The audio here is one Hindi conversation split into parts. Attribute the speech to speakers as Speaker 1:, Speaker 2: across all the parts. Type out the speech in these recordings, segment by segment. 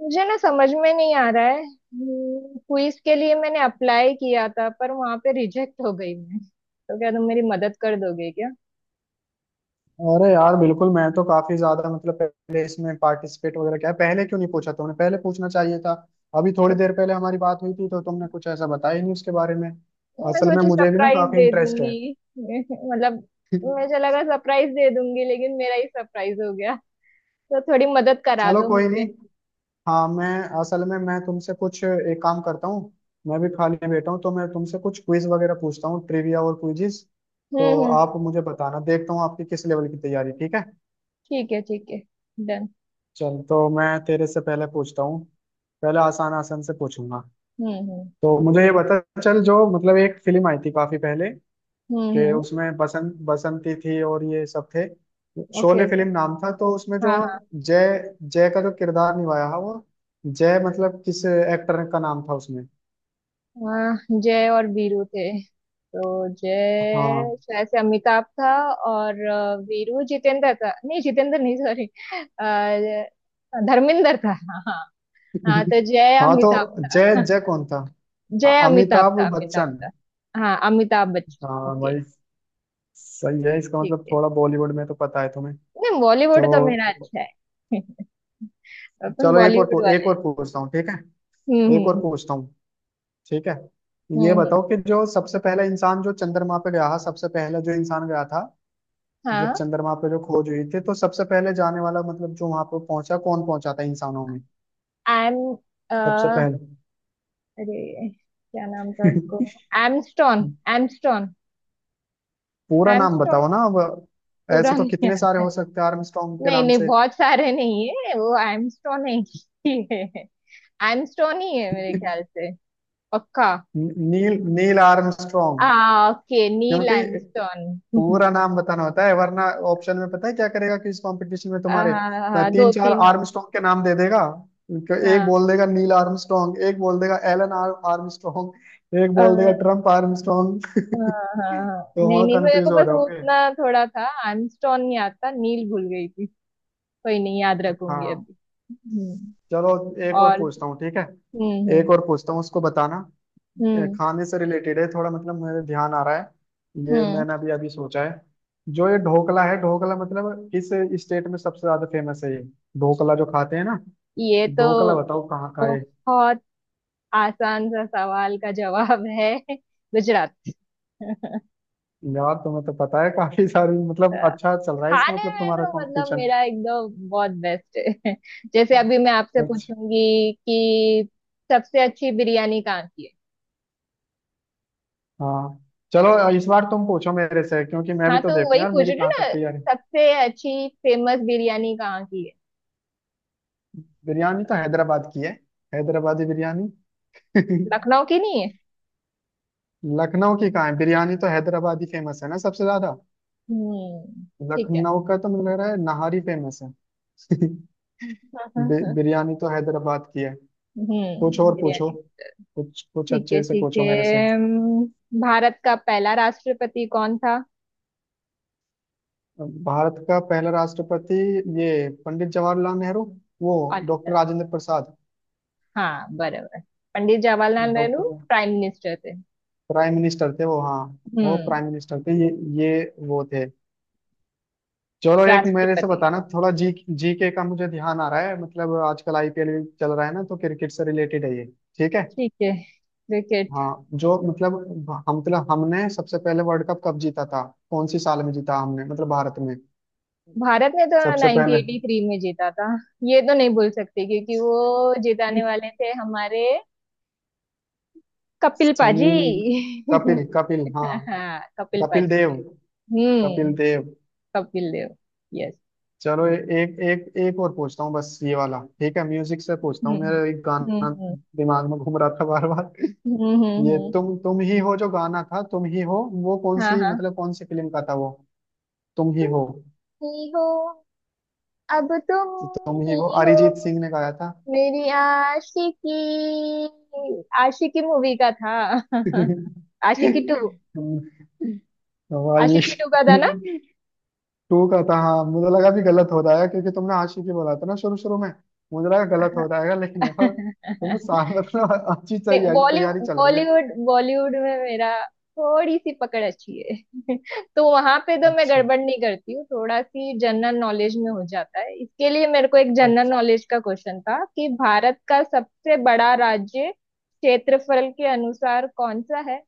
Speaker 1: मुझे ना समझ में नहीं आ रहा है। क्विज के लिए मैंने अप्लाई किया था, पर वहां पे रिजेक्ट हो गई मैं तो। क्या तुम मेरी मदद कर दोगे क्या?
Speaker 2: अरे यार, बिल्कुल। मैं तो काफी ज्यादा, मतलब पहले इसमें पार्टिसिपेट वगैरह, क्या पहले क्यों नहीं पूछा तुमने? पहले पूछना चाहिए था। अभी थोड़ी देर पहले हमारी बात हुई थी, तो तुमने कुछ ऐसा बताया ही नहीं उसके बारे में।
Speaker 1: तो मैं
Speaker 2: असल में
Speaker 1: सोची
Speaker 2: मुझे भी ना,
Speaker 1: सरप्राइज
Speaker 2: काफी
Speaker 1: दे
Speaker 2: इंटरेस्ट है।
Speaker 1: दूंगी। मतलब। मुझे लगा सरप्राइज दे दूंगी लेकिन मेरा ही सरप्राइज हो गया। तो थोड़ी मदद करा
Speaker 2: चलो
Speaker 1: दो
Speaker 2: कोई
Speaker 1: मुझे।
Speaker 2: नहीं। हाँ, मैं, असल में मैं तुमसे कुछ, एक काम करता हूँ। मैं भी खाली बैठा हूँ, तो मैं तुमसे कुछ क्विज वगैरह पूछता हूँ, ट्रिविया और क्विजिस।
Speaker 1: हम्म,
Speaker 2: तो
Speaker 1: हम्म।
Speaker 2: आप मुझे बताना, देखता हूँ आपकी किस लेवल की तैयारी, ठीक है।
Speaker 1: ठीक है, ठीक है। डन।
Speaker 2: चल, तो मैं तेरे से पहले पूछता हूँ। पहले आसान आसान से पूछूंगा।
Speaker 1: हम्म, हम्म।
Speaker 2: तो मुझे ये बता। चल, जो मतलब एक फिल्म आई थी काफी पहले,
Speaker 1: हम्म,
Speaker 2: कि
Speaker 1: हम्म।
Speaker 2: उसमें बसंत, बसंती थी और ये सब थे।
Speaker 1: Okay,
Speaker 2: Sholay
Speaker 1: okay.
Speaker 2: फिल्म नाम था, तो उसमें जो
Speaker 1: हाँ, हाँ।
Speaker 2: जय, जय का जो किरदार निभाया है वो, जय मतलब किस एक्टर का नाम था उसमें।
Speaker 1: हाँ, जय और वीरू थे। तो
Speaker 2: हाँ।
Speaker 1: जय शायद से अमिताभ था। और वीरू जितेंद्र था। नहीं, जितेंद्र नहीं, सॉरी। धर्मेंद्र था, हाँ हाँ। हाँ, तो जय
Speaker 2: हाँ तो,
Speaker 1: अमिताभ
Speaker 2: जय,
Speaker 1: था।
Speaker 2: जय कौन था?
Speaker 1: जय अमिताभ
Speaker 2: अमिताभ
Speaker 1: था, अमिताभ
Speaker 2: बच्चन।
Speaker 1: था। हाँ, अमिताभ बच्चन।
Speaker 2: हाँ
Speaker 1: ओके।
Speaker 2: भाई। सही है। इसका
Speaker 1: ठीक
Speaker 2: मतलब
Speaker 1: है।
Speaker 2: थोड़ा बॉलीवुड में तो पता है तुम्हें
Speaker 1: नहीं, बॉलीवुड तो मेरा
Speaker 2: तो।
Speaker 1: अच्छा है। अपन
Speaker 2: चलो,
Speaker 1: बॉलीवुड
Speaker 2: एक
Speaker 1: वाले।
Speaker 2: और पूछता हूँ, ठीक है।
Speaker 1: हम्म,
Speaker 2: एक और
Speaker 1: हम्म।
Speaker 2: पूछता हूँ, ठीक है।
Speaker 1: हम्म,
Speaker 2: ये
Speaker 1: हम्म।
Speaker 2: बताओ कि जो सबसे पहला इंसान जो चंद्रमा पे गया था, सबसे पहले जो इंसान गया था, मतलब
Speaker 1: हाँ।
Speaker 2: चंद्रमा पे जो खोज हुई थी, तो सबसे पहले जाने वाला, मतलब जो वहां पे पहुंचा, कौन पहुंचा था इंसानों में
Speaker 1: एम।
Speaker 2: सबसे पहले?
Speaker 1: अरे, क्या नाम था उसको? एमस्टोन। एमस्टोन।
Speaker 2: पूरा नाम
Speaker 1: एमस्ट्रॉन।
Speaker 2: बताओ ना अब।
Speaker 1: पूरा
Speaker 2: ऐसे तो
Speaker 1: नहीं
Speaker 2: कितने सारे
Speaker 1: है।
Speaker 2: हो सकते हैं आर्मस्ट्रॉन्ग के
Speaker 1: नहीं
Speaker 2: नाम
Speaker 1: नहीं,
Speaker 2: से।
Speaker 1: बहुत सारे नहीं है। वो एमस्ट्रॉन एक ही है। एमस्ट्रॉन ही है मेरे ख्याल से। पक्का।
Speaker 2: नील नील
Speaker 1: आ
Speaker 2: आर्मस्ट्रॉन्ग।
Speaker 1: ओके। नील
Speaker 2: क्योंकि
Speaker 1: एमस्ट्रॉन।
Speaker 2: पूरा नाम बताना होता है, वरना ऑप्शन में पता है क्या करेगा, कि इस कंपटीशन में तुम्हारे तीन
Speaker 1: दो
Speaker 2: चार
Speaker 1: तीन ऑप्शन।
Speaker 2: आर्मस्ट्रांग के नाम दे देगा। तो एक
Speaker 1: हाँ।
Speaker 2: बोल देगा नील आर्मस्ट्रांग, एक बोल देगा एलन आर्मस्ट्रांग, एक बोल देगा
Speaker 1: हाँ।
Speaker 2: Trump Armstrong.
Speaker 1: हाँ। हाँ।
Speaker 2: तो
Speaker 1: नहीं
Speaker 2: वहाँ
Speaker 1: नहीं, मेरे को
Speaker 2: कंफ्यूज हो
Speaker 1: बस वो
Speaker 2: जाओगे।
Speaker 1: उतना थोड़ा था। एमस्ट्रॉन नहीं आता, नील भूल गई थी। कोई नहीं, याद रखूंगी
Speaker 2: हाँ।
Speaker 1: अभी। हम्म।
Speaker 2: चलो, एक और
Speaker 1: और।
Speaker 2: पूछता हूँ, ठीक है।
Speaker 1: हम्म, हम्म।
Speaker 2: एक और पूछता हूँ, उसको बताना।
Speaker 1: हम्म,
Speaker 2: खाने से रिलेटेड है थोड़ा, मतलब मेरे ध्यान आ रहा है। ये
Speaker 1: हम्म।
Speaker 2: मैंने अभी अभी सोचा है। जो ये ढोकला है, ढोकला मतलब किस स्टेट में सबसे ज्यादा फेमस है ये? ढोकला जो खाते हैं ना।
Speaker 1: ये तो
Speaker 2: ढोकला बताओ कहाँ का है।
Speaker 1: बहुत आसान सा सवाल का जवाब है। गुजरात।
Speaker 2: यार तुम्हें तो पता है काफी सारी, मतलब अच्छा चल रहा है, इसका
Speaker 1: खाने
Speaker 2: मतलब
Speaker 1: में
Speaker 2: तुम्हारा
Speaker 1: तो मतलब
Speaker 2: कंपटीशन
Speaker 1: मेरा एकदम बहुत बेस्ट है। जैसे अभी मैं आपसे
Speaker 2: अच्छा।
Speaker 1: पूछूंगी कि सबसे अच्छी बिरयानी कहाँ की है।
Speaker 2: हाँ। चलो, इस बार तुम पूछो मेरे से, क्योंकि मैं भी
Speaker 1: हाँ,
Speaker 2: तो
Speaker 1: तो
Speaker 2: देखूं
Speaker 1: वही
Speaker 2: यार
Speaker 1: पूछ
Speaker 2: मेरी
Speaker 1: रही हूँ
Speaker 2: कहाँ तक
Speaker 1: ना।
Speaker 2: तैयारी।
Speaker 1: सबसे अच्छी फेमस बिरयानी कहाँ की है?
Speaker 2: बिरयानी तो हैदराबाद की है। हैदराबादी बिरयानी।
Speaker 1: लखनऊ की नहीं है?
Speaker 2: लखनऊ की कहाँ है? बिरयानी तो हैदराबादी फेमस है ना सबसे ज्यादा।
Speaker 1: हम्म। ठीक है।
Speaker 2: लखनऊ का तो मुझे लग रहा है नहारी फेमस है।
Speaker 1: हाँ, हाँ, हाँ।
Speaker 2: बिरयानी तो हैदराबाद की है। कुछ
Speaker 1: हम्म,
Speaker 2: और पूछो।
Speaker 1: बिरयानी।
Speaker 2: कुछ कुछ
Speaker 1: ठीक है,
Speaker 2: अच्छे से
Speaker 1: ठीक
Speaker 2: पूछो मेरे से।
Speaker 1: है। हम्म। भारत का पहला राष्ट्रपति कौन था?
Speaker 2: भारत का पहला राष्ट्रपति? ये पंडित जवाहरलाल नेहरू। वो डॉक्टर
Speaker 1: अल्लाह।
Speaker 2: राजेंद्र प्रसाद।
Speaker 1: हाँ, बराबर। Pandit Jawaharlal Nehru
Speaker 2: doctor.
Speaker 1: Prime minister थे।
Speaker 2: प्राइम मिनिस्टर थे वो, हाँ। वो
Speaker 1: हम्म।
Speaker 2: प्राइम मिनिस्टर थे, ये, वो थे। चलो, एक मेरे से
Speaker 1: राष्ट्रपति।
Speaker 2: बताना, थोड़ा जी जी के का मुझे ध्यान आ रहा है। मतलब आजकल आईपीएल चल रहा है ना, तो क्रिकेट से रिलेटेड है ये, ठीक है।
Speaker 1: ठीक है। क्रिकेट।
Speaker 2: हाँ, जो मतलब, हम मतलब, हमने सबसे पहले वर्ल्ड कप कब जीता था? कौन सी साल में जीता हमने, मतलब भारत में
Speaker 1: भारत ने तो
Speaker 2: सबसे पहले?
Speaker 1: 1983 में जीता था। ये तो नहीं भूल सकती क्योंकि वो जिताने वाले थे हमारे कपिल पाजी।
Speaker 2: सुनील, कपिल, कपिल हाँ।
Speaker 1: हाँ, कपिल
Speaker 2: कपिल
Speaker 1: पाजी थे।
Speaker 2: देव। कपिल
Speaker 1: हम्म
Speaker 2: देव।
Speaker 1: कपिल देव। यस।
Speaker 2: चलो, ए- एक एक एक और पूछता हूँ बस ये वाला, ठीक है। म्यूजिक से पूछता
Speaker 1: हम्म,
Speaker 2: हूँ,
Speaker 1: हम्म।
Speaker 2: मेरा एक गाना
Speaker 1: हम्म,
Speaker 2: दिमाग में घूम रहा था बार बार।
Speaker 1: हम्म।
Speaker 2: ये तुम ही हो, जो गाना था तुम ही हो, वो कौन
Speaker 1: हाँ
Speaker 2: सी,
Speaker 1: हाँ।
Speaker 2: मतलब कौन सी फिल्म का था वो? तुम ही
Speaker 1: तुम
Speaker 2: हो,
Speaker 1: ही हो। अब तुम
Speaker 2: तुम ही हो,
Speaker 1: ही हो।
Speaker 2: अरिजीत सिंह ने गाया था।
Speaker 1: मेरी आशिकी। आशिकी मूवी का था। आशिकी टू।
Speaker 2: हवा ये।
Speaker 1: आशिकी टू का था ना?
Speaker 2: टू का था हाँ। मुझे लगा भी गलत हो रहा है, क्योंकि तुमने आशिकी बोला था ना शुरू शुरू में। मुझे लगा गलत हो जाएगा, लेकिन यार तुम्हें साल मतलब अच्छी
Speaker 1: नहीं,
Speaker 2: तैयारी
Speaker 1: बॉलीवुड
Speaker 2: तैयारी चल रही है।
Speaker 1: बॉलीवुड बॉलीवुड में मेरा थोड़ी सी पकड़ अच्छी है। तो वहां पे तो मैं
Speaker 2: अच्छा।
Speaker 1: गड़बड़ नहीं करती हूँ। थोड़ा सी जनरल नॉलेज में हो जाता है। इसके लिए मेरे को एक जनरल
Speaker 2: अच्छा,
Speaker 1: नॉलेज का क्वेश्चन था कि भारत का सबसे बड़ा राज्य क्षेत्रफल के अनुसार कौन सा है?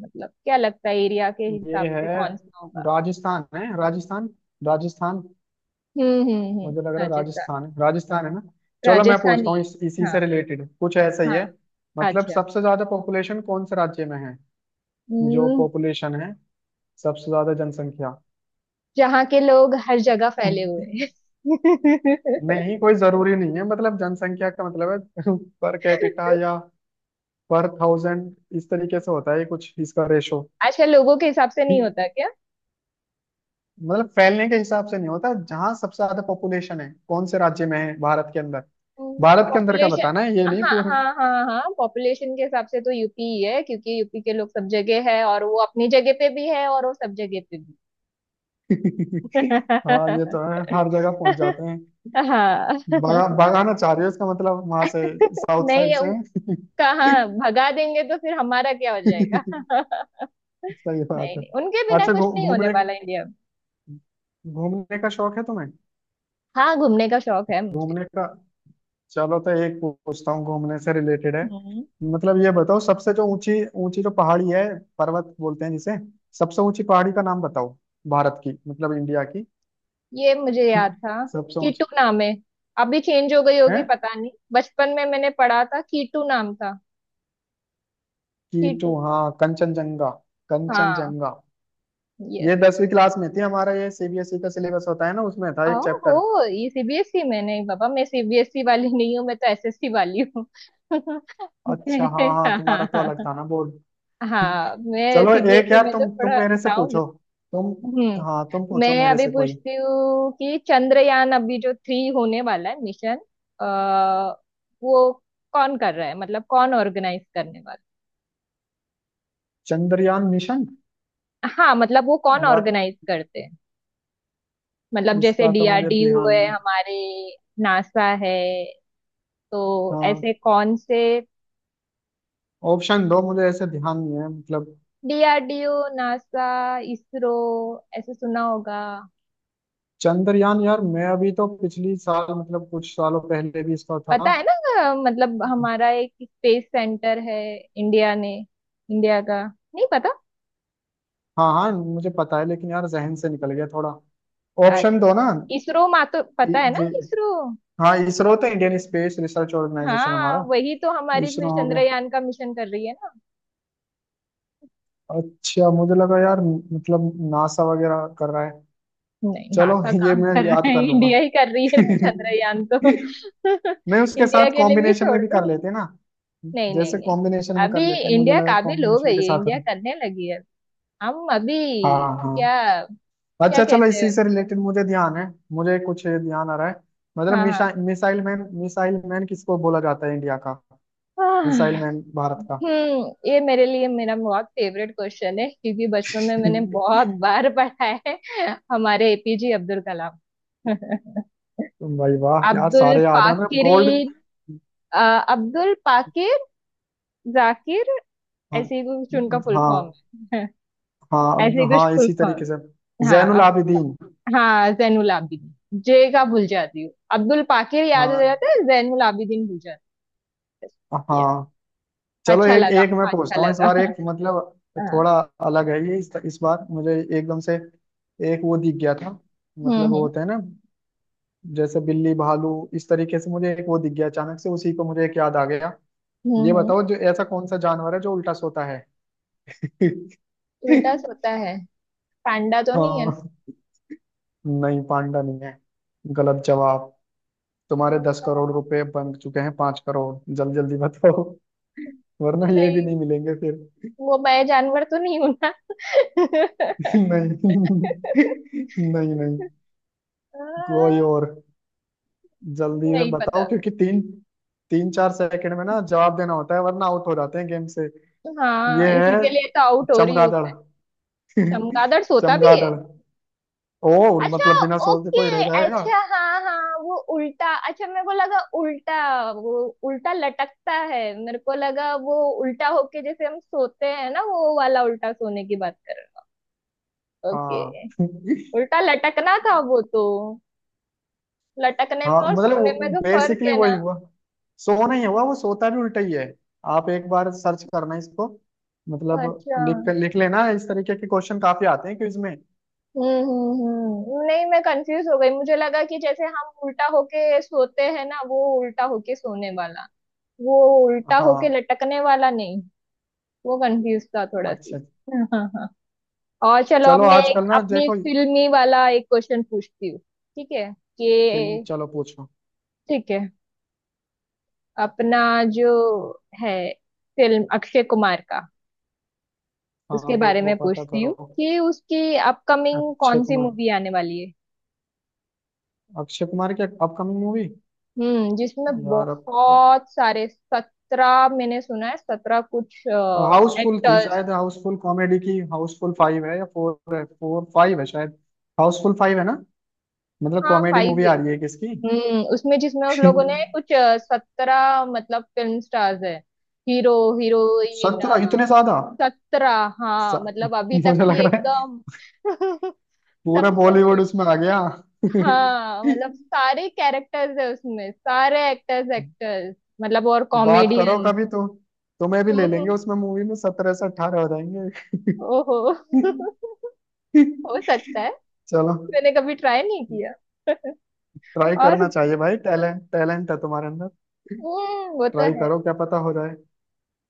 Speaker 1: मतलब क्या लगता है एरिया के हिसाब
Speaker 2: ये है,
Speaker 1: से कौन सा होगा?
Speaker 2: राजस्थान है, राजस्थान, राजस्थान।
Speaker 1: हम्म, हम्म, हम्म।
Speaker 2: मुझे लग रहा है
Speaker 1: राजस्थान।
Speaker 2: राजस्थान है। राजस्थान है ना? चलो, मैं
Speaker 1: राजस्थानी
Speaker 2: पूछता हूँ
Speaker 1: है।
Speaker 2: इसी
Speaker 1: हाँ
Speaker 2: से रिलेटेड कुछ ऐसा ही
Speaker 1: हाँ।
Speaker 2: है। मतलब
Speaker 1: अच्छा।
Speaker 2: सबसे ज्यादा पॉपुलेशन कौन से राज्य में है? जो
Speaker 1: हम्म।
Speaker 2: पॉपुलेशन है, सबसे ज्यादा जनसंख्या।
Speaker 1: जहाँ के लोग हर जगह फैले हुए हैं।
Speaker 2: नहीं, कोई जरूरी नहीं है, मतलब जनसंख्या का मतलब है। पर कैपिटा या पर थाउजेंड इस तरीके से होता है ये, कुछ इसका रेशो।
Speaker 1: आजकल लोगों के हिसाब से नहीं होता क्या?
Speaker 2: मतलब फैलने के हिसाब से नहीं होता, जहां सबसे ज्यादा पॉपुलेशन है कौन से राज्य में है, भारत के अंदर। भारत के अंदर का
Speaker 1: पॉपुलेशन।
Speaker 2: बताना है ये, नहीं
Speaker 1: हाँ
Speaker 2: पूरे।
Speaker 1: हाँ हाँ हाँ, पॉपुलेशन के हिसाब से तो यूपी ही है क्योंकि यूपी के लोग सब जगह है, और वो अपनी जगह पे भी है और वो सब जगह पे भी।
Speaker 2: हाँ, ये तो है, हर जगह पहुंच जाते हैं।
Speaker 1: हाँ।
Speaker 2: भगा भगाना चाह रही हो इसका मतलब, वहां से साउथ
Speaker 1: नहीं,
Speaker 2: साइड से हैं।
Speaker 1: कहाँ भगा देंगे तो फिर हमारा क्या हो जाएगा?
Speaker 2: सही बात
Speaker 1: नहीं
Speaker 2: है।
Speaker 1: नहीं, उनके बिना
Speaker 2: अच्छा,
Speaker 1: कुछ नहीं होने
Speaker 2: घूमने,
Speaker 1: वाला इंडिया में।
Speaker 2: घूमने का शौक है तुम्हें?
Speaker 1: हाँ, घूमने का शौक है मुझे।
Speaker 2: घूमने का। चलो, तो एक पूछता हूँ, घूमने से रिलेटेड है।
Speaker 1: हम्म।
Speaker 2: मतलब ये बताओ, सबसे जो ऊंची, ऊंची जो पहाड़ी है, पर्वत बोलते हैं जिसे, सबसे ऊंची पहाड़ी का नाम बताओ, भारत की, मतलब इंडिया की।
Speaker 1: ये मुझे याद था।
Speaker 2: सबसे
Speaker 1: कीटू
Speaker 2: ऊंची
Speaker 1: नाम है। अभी चेंज हो गई होगी,
Speaker 2: है।
Speaker 1: पता नहीं, बचपन में मैंने पढ़ा था कीटू नाम था।
Speaker 2: Keto
Speaker 1: keto.
Speaker 2: हाँ, कंचनजंगा।
Speaker 1: हाँ।
Speaker 2: कंचनजंगा।
Speaker 1: यस।
Speaker 2: ये 10वीं क्लास में थी, हमारा ये सीबीएसई का सिलेबस होता है ना, उसमें था
Speaker 1: ओ
Speaker 2: एक चैप्टर।
Speaker 1: हो, ये सीबीएसई में नहीं बाबा। मैं सीबीएसई वाली नहीं हूँ, मैं तो एसएससी वाली हूँ।
Speaker 2: अच्छा, हाँ हाँ,
Speaker 1: हाँ
Speaker 2: तुम्हारा तो अलग
Speaker 1: हाँ।
Speaker 2: था ना बोर्ड।
Speaker 1: हाँ, मैं
Speaker 2: चलो, एक
Speaker 1: सीबीएसई
Speaker 2: यार,
Speaker 1: में तो
Speaker 2: तुम
Speaker 1: थोड़ा
Speaker 2: मेरे से
Speaker 1: डाउन।
Speaker 2: पूछो। तुम, हाँ, तुम
Speaker 1: मैं
Speaker 2: पूछो मेरे
Speaker 1: अभी
Speaker 2: से कोई।
Speaker 1: पूछती हूँ कि चंद्रयान अभी जो 3 होने वाला है मिशन। आ, वो कौन कर रहा है, मतलब कौन ऑर्गेनाइज करने वाला
Speaker 2: चंद्रयान मिशन।
Speaker 1: है? हाँ, मतलब वो कौन
Speaker 2: यार
Speaker 1: ऑर्गेनाइज करते हैं? मतलब जैसे
Speaker 2: इसका तो मुझे
Speaker 1: डीआरडीओ
Speaker 2: ध्यान
Speaker 1: है
Speaker 2: नहीं।
Speaker 1: हमारे, नासा है, तो
Speaker 2: हाँ।
Speaker 1: ऐसे कौन से।
Speaker 2: ऑप्शन दो, मुझे ऐसे ध्यान नहीं है मतलब।
Speaker 1: डीआरडीओ, नासा, इसरो, ऐसे सुना होगा।
Speaker 2: चंद्रयान यार, मैं अभी तो पिछली साल, मतलब कुछ सालों पहले भी इसका
Speaker 1: पता
Speaker 2: था।
Speaker 1: है ना, मतलब हमारा एक स्पेस सेंटर है इंडिया ने। इंडिया का नहीं पता।
Speaker 2: हाँ हाँ, मुझे पता है, लेकिन यार जहन से निकल गया थोड़ा। ऑप्शन दो ना।
Speaker 1: इसरो मा तो पता
Speaker 2: इ-
Speaker 1: है ना,
Speaker 2: जे
Speaker 1: इसरो।
Speaker 2: हाँ, इसरो तो इंडियन स्पेस रिसर्च ऑर्गेनाइजेशन
Speaker 1: हाँ,
Speaker 2: हमारा।
Speaker 1: वही तो हमारी फिर
Speaker 2: इसरो हो गया।
Speaker 1: चंद्रयान का मिशन कर रही है ना।
Speaker 2: अच्छा, मुझे लगा यार, मतलब नासा वगैरह कर रहा है।
Speaker 1: नहीं,
Speaker 2: चलो,
Speaker 1: नासा
Speaker 2: ये
Speaker 1: कहाँ
Speaker 2: मैं
Speaker 1: कर रहा
Speaker 2: याद
Speaker 1: है।
Speaker 2: कर लूंगा।
Speaker 1: इंडिया ही कर रही है ना चंद्रयान तो।
Speaker 2: नहीं, उसके
Speaker 1: इंडिया
Speaker 2: साथ
Speaker 1: के लिए भी
Speaker 2: कॉम्बिनेशन में
Speaker 1: छोड़
Speaker 2: भी कर
Speaker 1: दो।
Speaker 2: लेते हैं ना।
Speaker 1: नहीं नहीं
Speaker 2: जैसे
Speaker 1: नहीं।
Speaker 2: कॉम्बिनेशन में
Speaker 1: अभी
Speaker 2: कर लेते हैं, मुझे
Speaker 1: इंडिया
Speaker 2: लगा
Speaker 1: काबिल हो
Speaker 2: कॉम्बिनेशन
Speaker 1: गई
Speaker 2: के
Speaker 1: है,
Speaker 2: साथ
Speaker 1: इंडिया
Speaker 2: है।
Speaker 1: करने लगी है हम अभी।
Speaker 2: हाँ हाँ।
Speaker 1: क्या क्या
Speaker 2: अच्छा, चलो
Speaker 1: कहते
Speaker 2: इसी
Speaker 1: हैं?
Speaker 2: से रिलेटेड मुझे ध्यान है, मुझे कुछ ध्यान आ रहा है। मतलब
Speaker 1: हाँ हाँ।
Speaker 2: मिशा मिसाइल मैन, मिसाइल मैन किसको बोला जाता है, इंडिया का मिसाइल
Speaker 1: आह,
Speaker 2: मैन भारत का।
Speaker 1: ये मेरे लिए मेरा बहुत फेवरेट क्वेश्चन है क्योंकि बचपन में मैंने
Speaker 2: तुम,
Speaker 1: बहुत बार पढ़ा है। हमारे एपीजे अब्दुल कलाम।
Speaker 2: भाई वाह यार,
Speaker 1: अब्दुल
Speaker 2: सारे याद है ना। गोल्ड।
Speaker 1: पाकिरीन। अ, अब्दुल पाकिर, जाकिर।
Speaker 2: हाँ
Speaker 1: ऐसे ही कुछ उनका फुल फॉर्म
Speaker 2: हाँ।
Speaker 1: है। ऐसे ही
Speaker 2: हाँ
Speaker 1: कुछ
Speaker 2: हाँ,
Speaker 1: फुल
Speaker 2: इसी तरीके से।
Speaker 1: फॉर्म। हाँ।
Speaker 2: जैनुल
Speaker 1: अब।
Speaker 2: आबिदीन।
Speaker 1: हाँ, जैनुल आबिदीन। जे का भूल जाती हूँ, अब्दुल पाकिर याद हो
Speaker 2: हाँ
Speaker 1: जाता है, जैनुल आबिदीन भूल जाता है। Yes।
Speaker 2: हाँ। चलो,
Speaker 1: अच्छा
Speaker 2: एक
Speaker 1: लगा।
Speaker 2: एक मैं
Speaker 1: हाँ, अच्छा
Speaker 2: पूछता हूँ इस
Speaker 1: लगा।
Speaker 2: बार, एक मतलब
Speaker 1: हाँ।
Speaker 2: थोड़ा अलग है ये, इस बार मुझे एकदम से एक वो दिख गया था। मतलब
Speaker 1: हम्म,
Speaker 2: वो
Speaker 1: हम्म।
Speaker 2: होता है ना, जैसे बिल्ली, भालू, इस तरीके से मुझे एक वो दिख गया अचानक से, उसी को मुझे एक याद आ गया।
Speaker 1: हम्म,
Speaker 2: ये बताओ, जो ऐसा कौन सा जानवर है जो उल्टा सोता है?
Speaker 1: उल्टा सोता है? पांडा तो नहीं है ना?
Speaker 2: हाँ, नहीं पांडा नहीं है। गलत जवाब। तुम्हारे दस
Speaker 1: उल्टा?
Speaker 2: करोड़ रुपए बन चुके हैं, 5 करोड़। जल्दी जल्दी बताओ, वरना ये भी
Speaker 1: नहीं,
Speaker 2: नहीं मिलेंगे फिर।
Speaker 1: वो मैं जानवर तो नहीं हूं ना।
Speaker 2: नहीं। नहीं नहीं,
Speaker 1: आ,
Speaker 2: कोई और। जल्दी में
Speaker 1: नहीं
Speaker 2: बताओ,
Speaker 1: पता।
Speaker 2: क्योंकि तीन तीन चार सेकंड में ना जवाब देना होता है, वरना आउट हो जाते हैं गेम से।
Speaker 1: हाँ,
Speaker 2: ये
Speaker 1: इसी
Speaker 2: है
Speaker 1: के लिए तो आउट हो रही हूँ
Speaker 2: चमगादड़।
Speaker 1: मैं। चमगादड़ सोता भी है?
Speaker 2: चमगादड़ ओ,
Speaker 1: अच्छा।
Speaker 2: मतलब बिना सोचते
Speaker 1: ओके।
Speaker 2: कोई रह जाएगा।
Speaker 1: अच्छा हाँ हाँ, वो उल्टा, अच्छा मेरे को लगा उल्टा, वो उल्टा लटकता है। मेरे को लगा वो उल्टा होके जैसे हम सोते हैं ना, वो वाला उल्टा सोने की बात कर रहा। ओके।
Speaker 2: हाँ।
Speaker 1: उल्टा लटकना था वो तो। लटकने में
Speaker 2: हाँ,
Speaker 1: और
Speaker 2: मतलब
Speaker 1: सोने में तो फर्क
Speaker 2: बेसिकली
Speaker 1: है
Speaker 2: वही
Speaker 1: ना।
Speaker 2: हुआ, सो नहीं हुआ, वो सोता भी उल्टा ही है। आप एक बार सर्च करना इसको, मतलब
Speaker 1: अच्छा।
Speaker 2: लिख लिख लेना। इस तरीके के क्वेश्चन काफी आते हैं क्विज में।
Speaker 1: हम्म, हम्म, हम्म। नहीं, मैं कंफ्यूज हो गई, मुझे लगा कि जैसे हम उल्टा होके सोते हैं ना, वो उल्टा होके सोने वाला, वो उल्टा होके
Speaker 2: हाँ।
Speaker 1: लटकने वाला नहीं। वो कंफ्यूज था थोड़ा
Speaker 2: अच्छा,
Speaker 1: सी। हाँ हाँ। और चलो, अब
Speaker 2: चलो
Speaker 1: मैं
Speaker 2: आजकल
Speaker 1: एक
Speaker 2: ना
Speaker 1: अपनी
Speaker 2: देखो।
Speaker 1: एक फिल्मी वाला एक क्वेश्चन पूछती हूँ, ठीक है?
Speaker 2: फिल्म,
Speaker 1: कि
Speaker 2: चलो पूछो।
Speaker 1: ठीक है। अपना जो है फिल्म अक्षय कुमार का,
Speaker 2: हाँ,
Speaker 1: उसके
Speaker 2: वो
Speaker 1: बारे
Speaker 2: वो
Speaker 1: में
Speaker 2: पता
Speaker 1: पूछती
Speaker 2: करो।
Speaker 1: हूँ कि उसकी अपकमिंग
Speaker 2: अक्षय
Speaker 1: कौन सी
Speaker 2: कुमार।
Speaker 1: मूवी आने वाली है।
Speaker 2: अक्षय कुमार की अपकमिंग मूवी।
Speaker 1: हम्म, जिसमें
Speaker 2: यार अब,
Speaker 1: बहुत सारे 17 मैंने सुना है, सत्रह कुछ
Speaker 2: हाउसफुल थी
Speaker 1: एक्टर्स।
Speaker 2: शायद, हाउसफुल कॉमेडी की, हाउसफुल फाइव है या फोर है, फोर फाइव है शायद। हाउसफुल फाइव है ना? मतलब
Speaker 1: हाँ,
Speaker 2: कॉमेडी
Speaker 1: 5।
Speaker 2: मूवी आ रही है किसकी?
Speaker 1: हम्म, उसमें, जिसमें उन लोगों ने कुछ 17 मतलब फिल्म स्टार्स है, हीरो, हीरोइन।
Speaker 2: 17 इतने ज्यादा?
Speaker 1: 17।
Speaker 2: स-
Speaker 1: हाँ, मतलब अभी तक
Speaker 2: मुझे लग
Speaker 1: की
Speaker 2: रहा है
Speaker 1: एकदम।
Speaker 2: पूरा
Speaker 1: सबसे
Speaker 2: बॉलीवुड
Speaker 1: बड़ी।
Speaker 2: उसमें आ गया।
Speaker 1: हाँ, मतलब सारे कैरेक्टर्स है उसमें सारे एक्टर्स एक्टर्स, मतलब और
Speaker 2: बात करो
Speaker 1: कॉमेडियन।
Speaker 2: कभी तो, तुम्हें भी ले लेंगे
Speaker 1: हम्म,
Speaker 2: उसमें मूवी में, 17 से 18 हो जाएंगे।
Speaker 1: ओहो। हो सकता है।
Speaker 2: चलो।
Speaker 1: मैंने कभी ट्राई नहीं किया।
Speaker 2: ट्राई
Speaker 1: और
Speaker 2: करना चाहिए
Speaker 1: बोल-
Speaker 2: भाई, टैलेंट टैलेंट है तुम्हारे अंदर।
Speaker 1: हम्म, वो तो
Speaker 2: ट्राई
Speaker 1: है।
Speaker 2: करो, क्या पता हो जाए।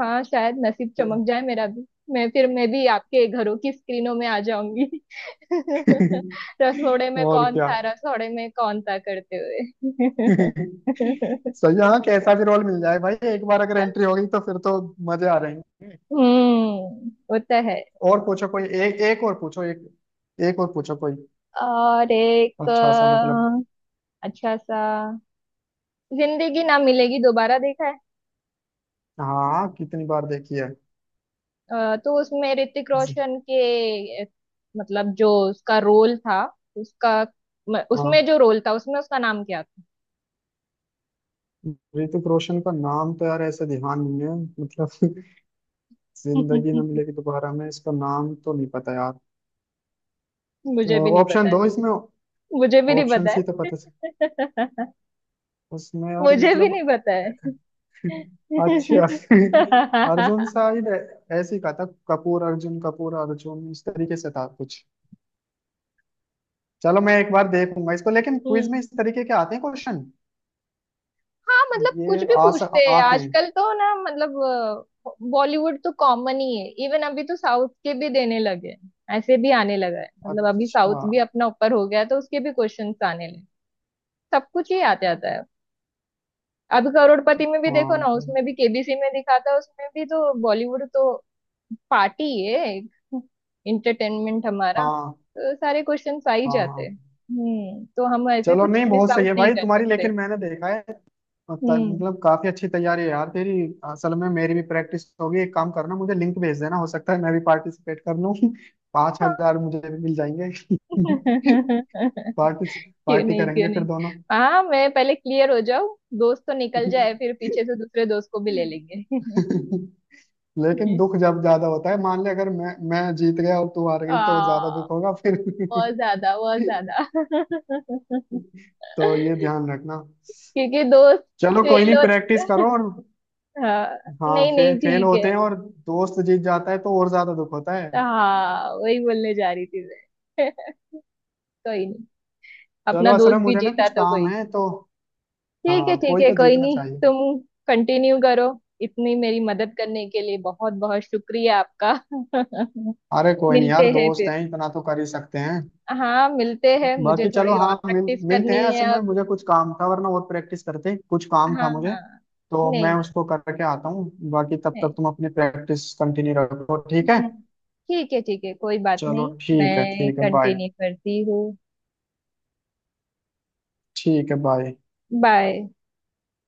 Speaker 1: हाँ, शायद नसीब चमक जाए मेरा भी। मैं फिर मैं भी आपके घरों की स्क्रीनों में आ जाऊंगी। रसोड़े में
Speaker 2: और
Speaker 1: कौन
Speaker 2: क्या।
Speaker 1: था, रसोड़े में कौन था करते हुए।
Speaker 2: सही है, हाँ। कैसा भी रोल मिल जाए भाई, एक बार अगर एंट्री हो गई तो फिर तो मजे आ रहे हैं।
Speaker 1: हम्म, वो तो है।
Speaker 2: और पूछो कोई। एक एक और पूछो एक एक और पूछो कोई।
Speaker 1: और एक,
Speaker 2: अच्छा सा, मतलब,
Speaker 1: अच्छा सा। जिंदगी ना मिलेगी दोबारा देखा है?
Speaker 2: हाँ, कितनी बार देखी है?
Speaker 1: तो उसमें ऋतिक रोशन के, मतलब जो उसका रोल था, उसका, उसमें
Speaker 2: हाँ,
Speaker 1: जो रोल था उसमें उसका नाम क्या
Speaker 2: ऋतिक रोशन का नाम तो यार ऐसे ध्यान नहीं है, मतलब।
Speaker 1: था?
Speaker 2: जिंदगी ना मिलेगी दोबारा में इसका नाम तो नहीं पता यार।
Speaker 1: मुझे भी नहीं
Speaker 2: ऑप्शन
Speaker 1: पता है।
Speaker 2: दो इसमें,
Speaker 1: मुझे भी नहीं
Speaker 2: ऑप्शन
Speaker 1: पता
Speaker 2: से ही तो पता।
Speaker 1: है।
Speaker 2: उसमें, और
Speaker 1: मुझे भी नहीं
Speaker 2: मतलब,
Speaker 1: पता है।
Speaker 2: अच्छा। अर्जुन शायद, ऐसे ही कहा था, कपूर अर्जुन, कपूर, अर्जुन, इस तरीके से था कुछ। चलो, मैं एक बार देखूंगा इसको, लेकिन क्विज में
Speaker 1: हम्म,
Speaker 2: इस तरीके के आते हैं क्वेश्चन।
Speaker 1: हाँ मतलब कुछ
Speaker 2: ये
Speaker 1: भी
Speaker 2: आ
Speaker 1: पूछते
Speaker 2: सक
Speaker 1: हैं
Speaker 2: आते हैं।
Speaker 1: आजकल तो ना, मतलब। बॉलीवुड तो कॉमन ही है, इवन अभी तो साउथ के भी देने लगे हैं। ऐसे भी आने लगा है, मतलब अभी
Speaker 2: अच्छा
Speaker 1: साउथ भी अपना ऊपर हो गया है, तो उसके भी क्वेश्चंस आने लगे। सब कुछ ही आ जाता है। अभी करोड़पति में भी देखो
Speaker 2: हाँ,
Speaker 1: ना,
Speaker 2: तो
Speaker 1: उसमें भी केबीसी में दिखाता है उसमें भी, तो बॉलीवुड तो पार्टी है एक। इंटरटेनमेंट हमारा,
Speaker 2: हाँ,
Speaker 1: तो सारे क्वेश्चन आ ही
Speaker 2: हाँ
Speaker 1: जाते
Speaker 2: हाँ।
Speaker 1: हैं। तो हम ऐसे
Speaker 2: चलो,
Speaker 1: कुछ
Speaker 2: नहीं,
Speaker 1: मिस
Speaker 2: बहुत सही
Speaker 1: आउट
Speaker 2: है
Speaker 1: नहीं
Speaker 2: भाई
Speaker 1: कर
Speaker 2: तुम्हारी,
Speaker 1: सकते।
Speaker 2: लेकिन मैंने देखा है और
Speaker 1: हम्म।
Speaker 2: मतलब काफी अच्छी तैयारी है यार तेरी। असल में मेरी भी प्रैक्टिस होगी। एक काम करना, मुझे लिंक भेज देना, हो सकता है मैं भी पार्टिसिपेट कर लूँ। पांच
Speaker 1: हाँ।
Speaker 2: हजार मुझे भी मिल जाएंगे। पार्टी,
Speaker 1: क्यों
Speaker 2: पार्टी
Speaker 1: नहीं, क्यों
Speaker 2: करेंगे फिर
Speaker 1: नहीं।
Speaker 2: दोनों।
Speaker 1: हाँ, मैं पहले क्लियर हो जाऊं। दोस्त तो निकल जाए, फिर पीछे से दूसरे दोस्त को भी ले लेंगे।
Speaker 2: लेकिन दुख जब ज्यादा होता है, मान ले अगर मैं जीत गया और तू हार गई, तो
Speaker 1: आ
Speaker 2: ज्यादा दुख होगा फिर।
Speaker 1: बहुत ज्यादा, बहुत ज्यादा।
Speaker 2: तो ये ध्यान रखना।
Speaker 1: क्योंकि दोस्त
Speaker 2: चलो कोई
Speaker 1: फेल
Speaker 2: नहीं, प्रैक्टिस
Speaker 1: होता।
Speaker 2: करो और।
Speaker 1: हाँ,
Speaker 2: हाँ,
Speaker 1: नहीं नहीं,
Speaker 2: फेल
Speaker 1: ठीक है।
Speaker 2: होते हैं और दोस्त जीत जाता है तो और ज्यादा दुख होता
Speaker 1: तो
Speaker 2: है।
Speaker 1: हाँ, वही बोलने जा रही थी मैं। कोई नहीं।
Speaker 2: चलो,
Speaker 1: अपना
Speaker 2: असल में
Speaker 1: दोस्त भी
Speaker 2: मुझे ना
Speaker 1: जीता
Speaker 2: कुछ
Speaker 1: तो
Speaker 2: काम
Speaker 1: कोई।
Speaker 2: है, तो
Speaker 1: ठीक है,
Speaker 2: हाँ,
Speaker 1: ठीक
Speaker 2: कोई
Speaker 1: है,
Speaker 2: तो
Speaker 1: कोई
Speaker 2: जीतना
Speaker 1: नहीं।
Speaker 2: चाहिए।
Speaker 1: तुम कंटिन्यू करो। इतनी मेरी मदद करने के लिए बहुत बहुत शुक्रिया आपका।
Speaker 2: अरे कोई नहीं यार,
Speaker 1: मिलते हैं
Speaker 2: दोस्त
Speaker 1: फिर।
Speaker 2: हैं, इतना तो कर ही सकते हैं।
Speaker 1: हाँ, मिलते हैं, मुझे
Speaker 2: बाकी चलो,
Speaker 1: थोड़ी और
Speaker 2: हाँ,
Speaker 1: प्रैक्टिस
Speaker 2: मिलते हैं।
Speaker 1: करनी है
Speaker 2: असल में
Speaker 1: अब।
Speaker 2: मुझे कुछ काम था, वरना और प्रैक्टिस करते। कुछ काम था
Speaker 1: हाँ
Speaker 2: मुझे,
Speaker 1: हाँ।
Speaker 2: तो
Speaker 1: नहीं
Speaker 2: मैं
Speaker 1: नहीं
Speaker 2: उसको करके आता हूँ। बाकी तब
Speaker 1: नहीं।
Speaker 2: तक तुम अपनी प्रैक्टिस कंटिन्यू रखो, ठीक है।
Speaker 1: हम्म, ठीक है, ठीक है, कोई बात
Speaker 2: चलो
Speaker 1: नहीं।
Speaker 2: ठीक है,
Speaker 1: मैं
Speaker 2: ठीक है बाय।
Speaker 1: कंटिन्यू करती हूँ।
Speaker 2: ठीक है बाय।
Speaker 1: बाय।